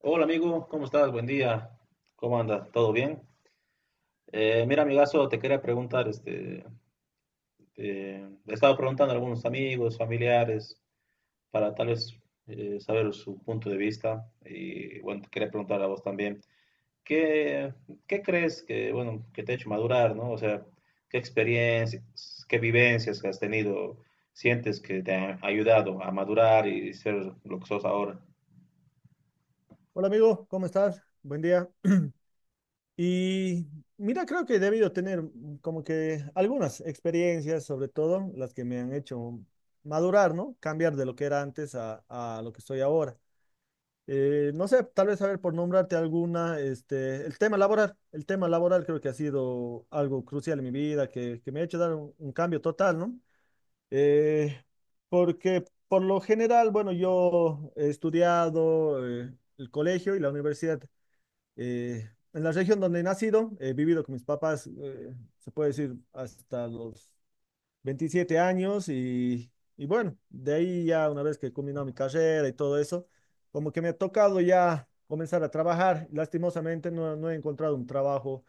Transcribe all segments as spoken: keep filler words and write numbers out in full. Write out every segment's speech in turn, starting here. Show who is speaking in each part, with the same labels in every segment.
Speaker 1: Hola amigo, ¿cómo estás? Buen día. ¿Cómo andas? ¿Todo bien? Eh, mira, amigazo, te quería preguntar, este, eh, le estaba preguntando a algunos amigos, familiares, para tal vez eh, saber su punto de vista y bueno, te quería preguntar a vos también, ¿qué, ¿qué crees que, bueno, que te ha hecho madurar, ¿no? O sea, ¿qué experiencias, qué vivencias que has tenido sientes que te han ayudado a madurar y ser lo que sos ahora?
Speaker 2: Hola amigo, ¿cómo estás? Buen día. Y mira, creo que he debido tener como que algunas experiencias, sobre todo las que me han hecho madurar, ¿no? Cambiar de lo que era antes a, a lo que estoy ahora. Eh, no sé, tal vez, a ver, por nombrarte alguna, este, el tema laboral. El tema laboral creo que ha sido algo crucial en mi vida, que, que me ha hecho dar un, un cambio total, ¿no? Eh, Porque por lo general, bueno, yo he estudiado eh, el colegio y la universidad eh, en la región donde he nacido, he vivido con mis papás, eh, se puede decir, hasta los veintisiete años y, y bueno, de ahí ya una vez que he culminado mi carrera y todo eso, como que me ha tocado ya comenzar a trabajar. Lastimosamente no, no he encontrado un trabajo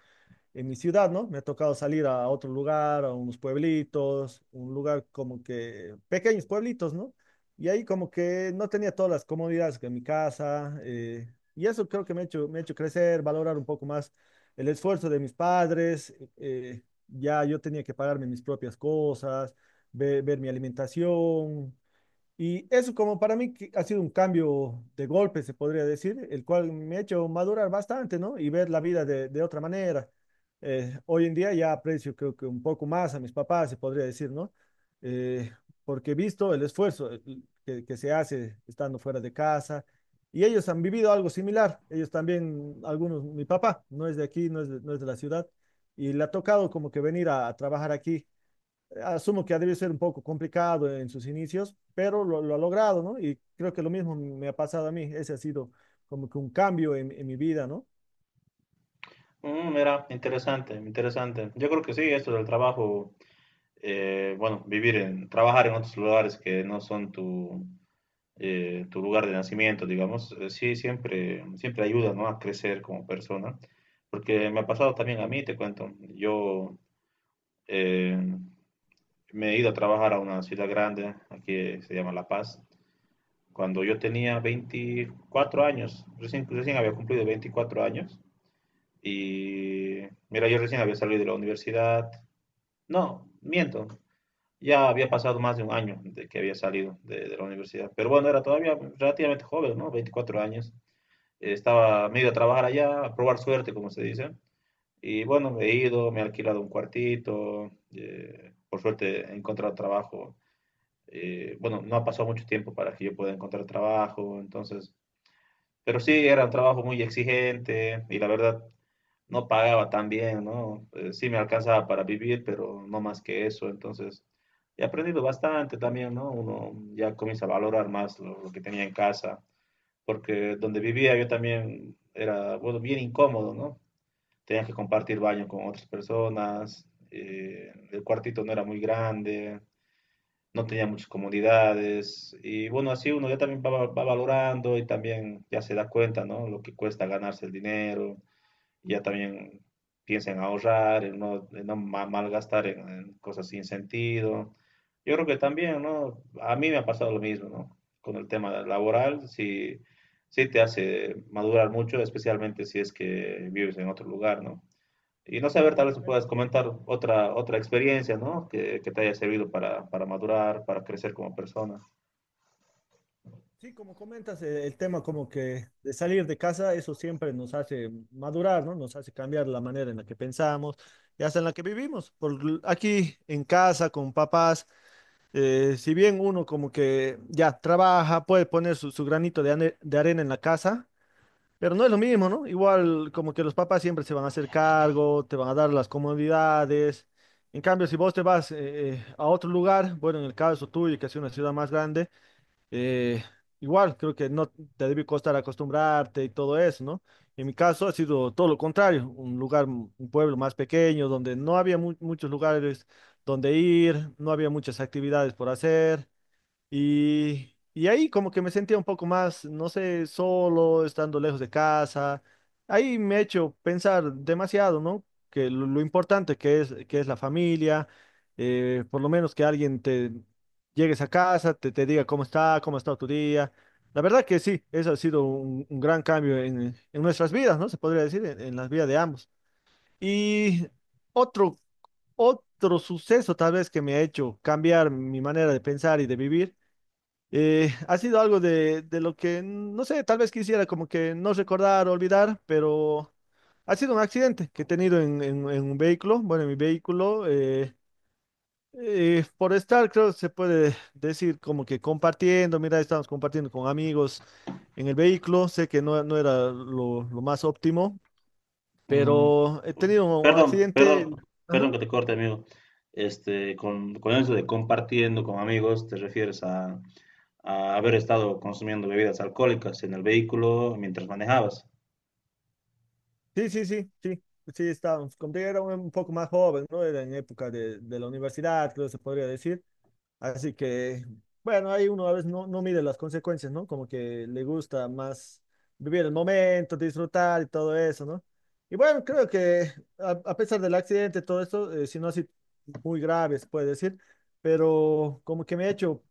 Speaker 2: en mi ciudad, ¿no? Me ha tocado salir a otro lugar, a unos pueblitos, un lugar como que pequeños pueblitos, ¿no? Y ahí como que no tenía todas las comodidades que en mi casa, eh, y eso creo que me ha hecho, me ha hecho crecer, valorar un poco más el esfuerzo de mis padres, eh, ya yo tenía que pagarme mis propias cosas, ve- ver mi alimentación, y eso como para mí que ha sido un cambio de golpe, se podría decir, el cual me ha hecho madurar bastante, ¿no? Y ver la vida de, de otra manera. Eh, hoy en día ya aprecio creo que un poco más a mis papás, se podría decir, ¿no? Eh, Porque he visto el esfuerzo eh, que, que se hace estando fuera de casa y ellos han vivido algo similar. Ellos también, algunos, mi papá no es de aquí, no es de, no es de la ciudad y le ha tocado como que venir a, a trabajar aquí, asumo que ha debido ser un poco complicado en sus inicios, pero lo, lo, ha logrado, ¿no? Y creo que lo mismo me ha pasado a mí, ese ha sido como que un cambio en, en mi vida, ¿no?
Speaker 1: Mm, mira, interesante, interesante. Yo creo que sí, esto del trabajo, eh, bueno, vivir en, trabajar en otros lugares que no son tu, eh, tu lugar de nacimiento, digamos, eh, sí, siempre, siempre ayuda, ¿no? A crecer como persona. Porque me ha pasado también a mí, te cuento, yo eh, me he ido a trabajar a una ciudad grande, aquí eh, se llama La Paz, cuando yo tenía veinticuatro años, recién, recién había cumplido veinticuatro años. Y mira, yo recién había salido de la universidad. No, miento. Ya había pasado más de un año de que había salido de, de la universidad. Pero bueno, era todavía relativamente joven, ¿no? veinticuatro años. Eh, Estaba medio a trabajar allá, a probar suerte, como se dice. Y bueno, he ido, me he alquilado un cuartito. Eh, por suerte he encontrado trabajo. Eh, bueno, no ha pasado mucho tiempo para que yo pueda encontrar trabajo. Entonces, pero sí, era un trabajo muy exigente y la verdad no pagaba tan bien, ¿no? Eh, sí me alcanzaba para vivir, pero no más que eso. Entonces, he aprendido bastante también, ¿no? Uno ya comienza a valorar más lo, lo que tenía en casa, porque donde vivía yo también era, bueno, bien incómodo, ¿no? Tenía que compartir baño con otras personas, eh, el cuartito no era muy grande, no tenía muchas comodidades y bueno, así uno ya también va, va valorando y también ya se da cuenta, ¿no? Lo que cuesta ganarse el dinero, ya también piensa en ahorrar, en no, en no ma- malgastar en, en cosas sin sentido. Yo creo que también, ¿no? A mí me ha pasado lo mismo, ¿no? Con el tema laboral, sí, sí te hace madurar mucho, especialmente si es que vives en otro lugar, ¿no? Y no sé, a ver, tal
Speaker 2: Sí,
Speaker 1: vez
Speaker 2: la
Speaker 1: me
Speaker 2: verdad.
Speaker 1: puedas comentar otra, otra experiencia, ¿no? Que, que te haya servido para, para madurar, para crecer como persona.
Speaker 2: Sí, como comentas, eh, el tema como que de salir de casa, eso siempre nos hace madurar, ¿no? Nos hace cambiar la manera en la que pensamos y hasta en la que vivimos. Por l- aquí en casa, con papás, eh, si bien uno como que ya trabaja, puede poner su, su granito de, ane- de arena en la casa. Pero no es lo mismo, ¿no? Igual como que los papás siempre se van a hacer cargo, te van a dar las comodidades. En cambio, si vos te vas eh, eh, a otro lugar, bueno, en el caso tuyo, que es una ciudad más grande, eh, igual creo que no te debe costar acostumbrarte y todo eso, ¿no? En mi caso ha sido todo lo contrario, un lugar, un pueblo más pequeño, donde no había mu- muchos lugares donde ir, no había muchas actividades por hacer. Y, y ahí como que me sentía un poco más, no sé, solo, estando lejos de casa. Ahí me ha hecho pensar demasiado, ¿no? Que lo, lo importante que es, que es la familia, eh, por lo menos que alguien te llegues a casa, te, te diga cómo está, cómo ha estado tu día. La verdad que sí, eso ha sido un, un gran cambio en, en nuestras vidas, ¿no? Se podría decir, en, en las vidas de ambos. Y otro, otro suceso tal vez que me ha hecho cambiar mi manera de pensar y de vivir eh, ha sido algo de, de lo que, no sé, tal vez quisiera como que no recordar, olvidar, pero ha sido un accidente que he tenido en, en- en un vehículo, bueno, en mi vehículo, eh, eh, por estar, creo, que se puede decir como que compartiendo, mira, estamos compartiendo con amigos en el vehículo, sé que no, no era lo, lo más óptimo,
Speaker 1: Mm,
Speaker 2: pero he tenido un
Speaker 1: perdón,
Speaker 2: accidente.
Speaker 1: perdón,
Speaker 2: Ajá.
Speaker 1: perdón que te corte, amigo. Este, con, con eso de compartiendo con amigos, te refieres a, a haber estado consumiendo bebidas alcohólicas en el vehículo mientras manejabas.
Speaker 2: Sí, sí, sí, sí. Sí, estábamos, como que era un, un poco más joven, ¿no? Era en época de, de la universidad, creo que se podría decir. Así que, bueno, ahí uno a veces no, no mide las consecuencias, ¿no? Como que le gusta más vivir el momento, disfrutar y todo eso, ¿no? Y bueno, creo que a, a pesar del accidente, todo esto, eh, si no así muy grave, se puede decir, pero como que me ha hecho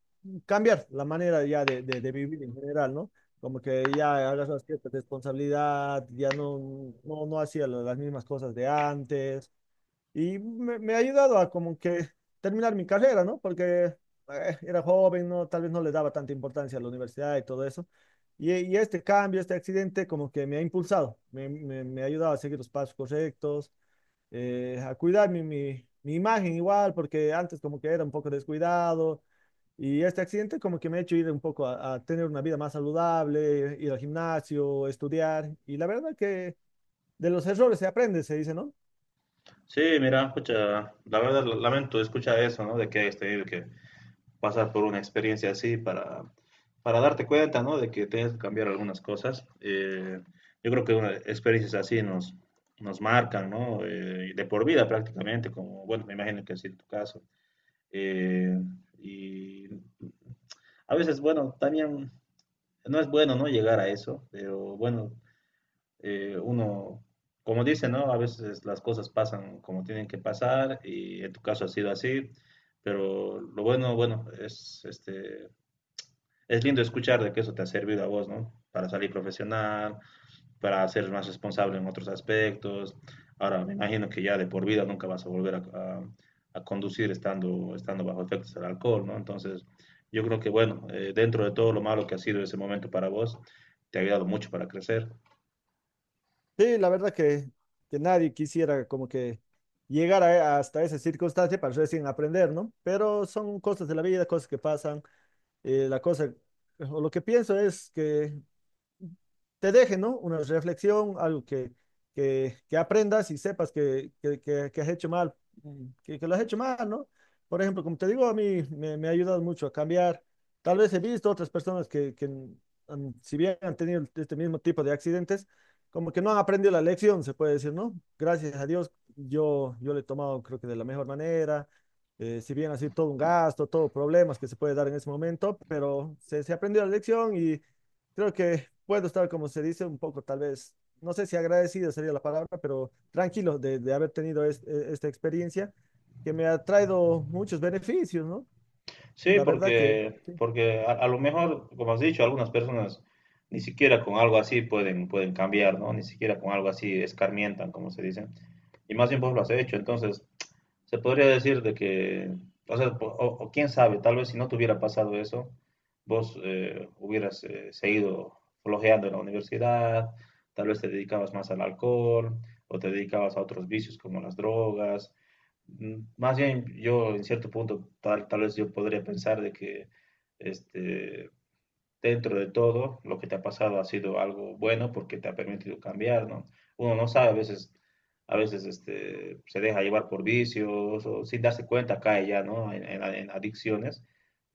Speaker 2: cambiar la manera ya de, de, de vivir en general, ¿no? Como que ya agarras cierta responsabilidad, ya no, no, no hacía la- las mismas cosas de antes y me, me ha ayudado a como que terminar mi carrera, ¿no? Porque eh, era joven, ¿no? Tal vez no le daba tanta importancia a la universidad y todo eso. Y, y este cambio, este accidente, como que me ha impulsado, me, me, me ha ayudado a seguir los pasos correctos, eh, a cuidar mi, mi, mi imagen igual, porque antes como que era un poco descuidado. Y este accidente como que me ha hecho ir un poco a, a tener una vida más saludable, ir al gimnasio, estudiar. Y la verdad que de los errores se aprende, se dice, ¿no?
Speaker 1: Sí, mira, escucha, la verdad lamento escuchar eso, ¿no? De que hayas tenido que pasar por una experiencia así para, para darte cuenta, ¿no? De que tienes que cambiar algunas cosas. Eh, yo creo que una, experiencias así nos, nos marcan, ¿no? Eh, de por vida prácticamente, como, bueno, me imagino que así en tu caso. Eh, y a veces, bueno, también no es bueno, ¿no? Llegar a eso, pero bueno, eh, uno como dicen, ¿no? A veces las cosas pasan como tienen que pasar y en tu caso ha sido así, pero lo bueno, bueno, es este, es lindo escuchar de que eso te ha servido a vos, ¿no? Para salir profesional, para ser más responsable en otros aspectos. Ahora, me imagino que ya de por vida nunca vas a volver a, a, a conducir estando, estando bajo efectos del alcohol, ¿no? Entonces, yo creo que, bueno, eh, dentro de todo lo malo que ha sido ese momento para vos, te ha ayudado mucho para crecer.
Speaker 2: Sí, la verdad que, que nadie quisiera como que llegar a- hasta esa circunstancia para recién aprender, ¿no? Pero son cosas de la vida, cosas que pasan. Eh, la cosa, o lo que pienso es que te deje, ¿no? Una reflexión, algo que, que, que aprendas y sepas que, que, que- que has hecho mal, mm, que, que lo has hecho mal, ¿no? Por ejemplo, como te digo, a mí me, me ha ayudado mucho a cambiar. Tal vez he visto otras personas que, que han- si bien han tenido este mismo tipo de accidentes, como que no han aprendido la lección, se puede decir, ¿no? Gracias a Dios, yo, yo lo he tomado, creo que de la mejor manera. Eh, si bien así todo un gasto, todo problemas que se puede dar en ese momento, pero se, se aprendió la lección y creo que puedo estar, como se dice, un poco tal vez, no sé si agradecido sería la palabra, pero tranquilo de, de haber tenido es- e- esta experiencia que me ha traído muchos beneficios, ¿no?
Speaker 1: Sí,
Speaker 2: La verdad que
Speaker 1: porque,
Speaker 2: sí,
Speaker 1: porque a, a lo mejor, como has dicho, algunas personas ni siquiera con algo así pueden, pueden cambiar, ¿no? Ni siquiera con algo así escarmientan, como se dice. Y más bien vos lo has hecho, entonces se podría decir de que, o sea, po- o, o quién sabe, tal vez si no te hubiera pasado eso, vos eh, hubieras eh, seguido flojeando en la universidad, tal vez te dedicabas más al alcohol o te dedicabas a otros vicios como las drogas. Mm, más bien, yo en cierto punto, tal, tal vez yo podría pensar de que este, dentro de todo, lo que te ha pasado ha sido algo bueno porque te ha permitido cambiar, ¿no? Uno no sabe, a veces, a veces este, se deja llevar por vicios o sin darse cuenta cae ya, ¿no? En, en- en adicciones.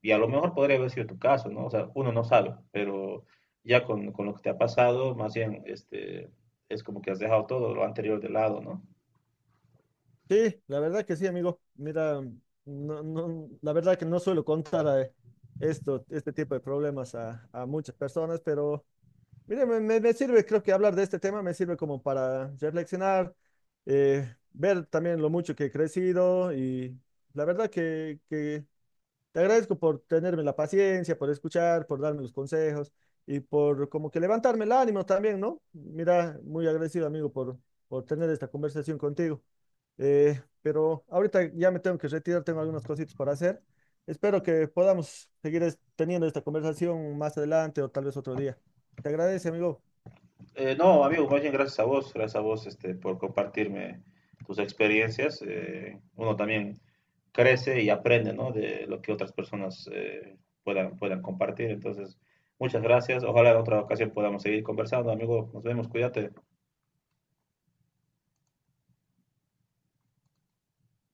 Speaker 1: Y a lo mejor podría haber sido tu caso, ¿no? O sea, uno no sabe, pero ya con, con lo que te ha pasado, más bien, este, es como que has dejado todo lo anterior de lado, ¿no?
Speaker 2: sí, la verdad que sí, amigo. Mira, no, no, la verdad que no suelo contar eh, esto, este tipo de problemas a, a muchas personas, pero mire, me, me- me sirve, creo que hablar de este tema me sirve como para reflexionar, eh, ver también lo mucho que he crecido y la verdad que, que te agradezco por tenerme la paciencia, por escuchar, por darme los consejos y por como que levantarme el ánimo también, ¿no? Mira, muy agradecido, amigo, por, por tener esta conversación contigo. Eh, pero ahorita ya me tengo que retirar, tengo algunas cositas para hacer. Espero que podamos seguir es- teniendo esta conversación más adelante o tal vez otro día. Te agradece, amigo.
Speaker 1: Eh, no, amigo, más bien gracias a vos, gracias a vos este, por compartirme tus experiencias. Eh, uno también crece y aprende, ¿no? De lo que otras personas eh, puedan, puedan compartir. Entonces, muchas gracias. Ojalá en otra ocasión podamos seguir conversando, amigo. Nos vemos, cuídate.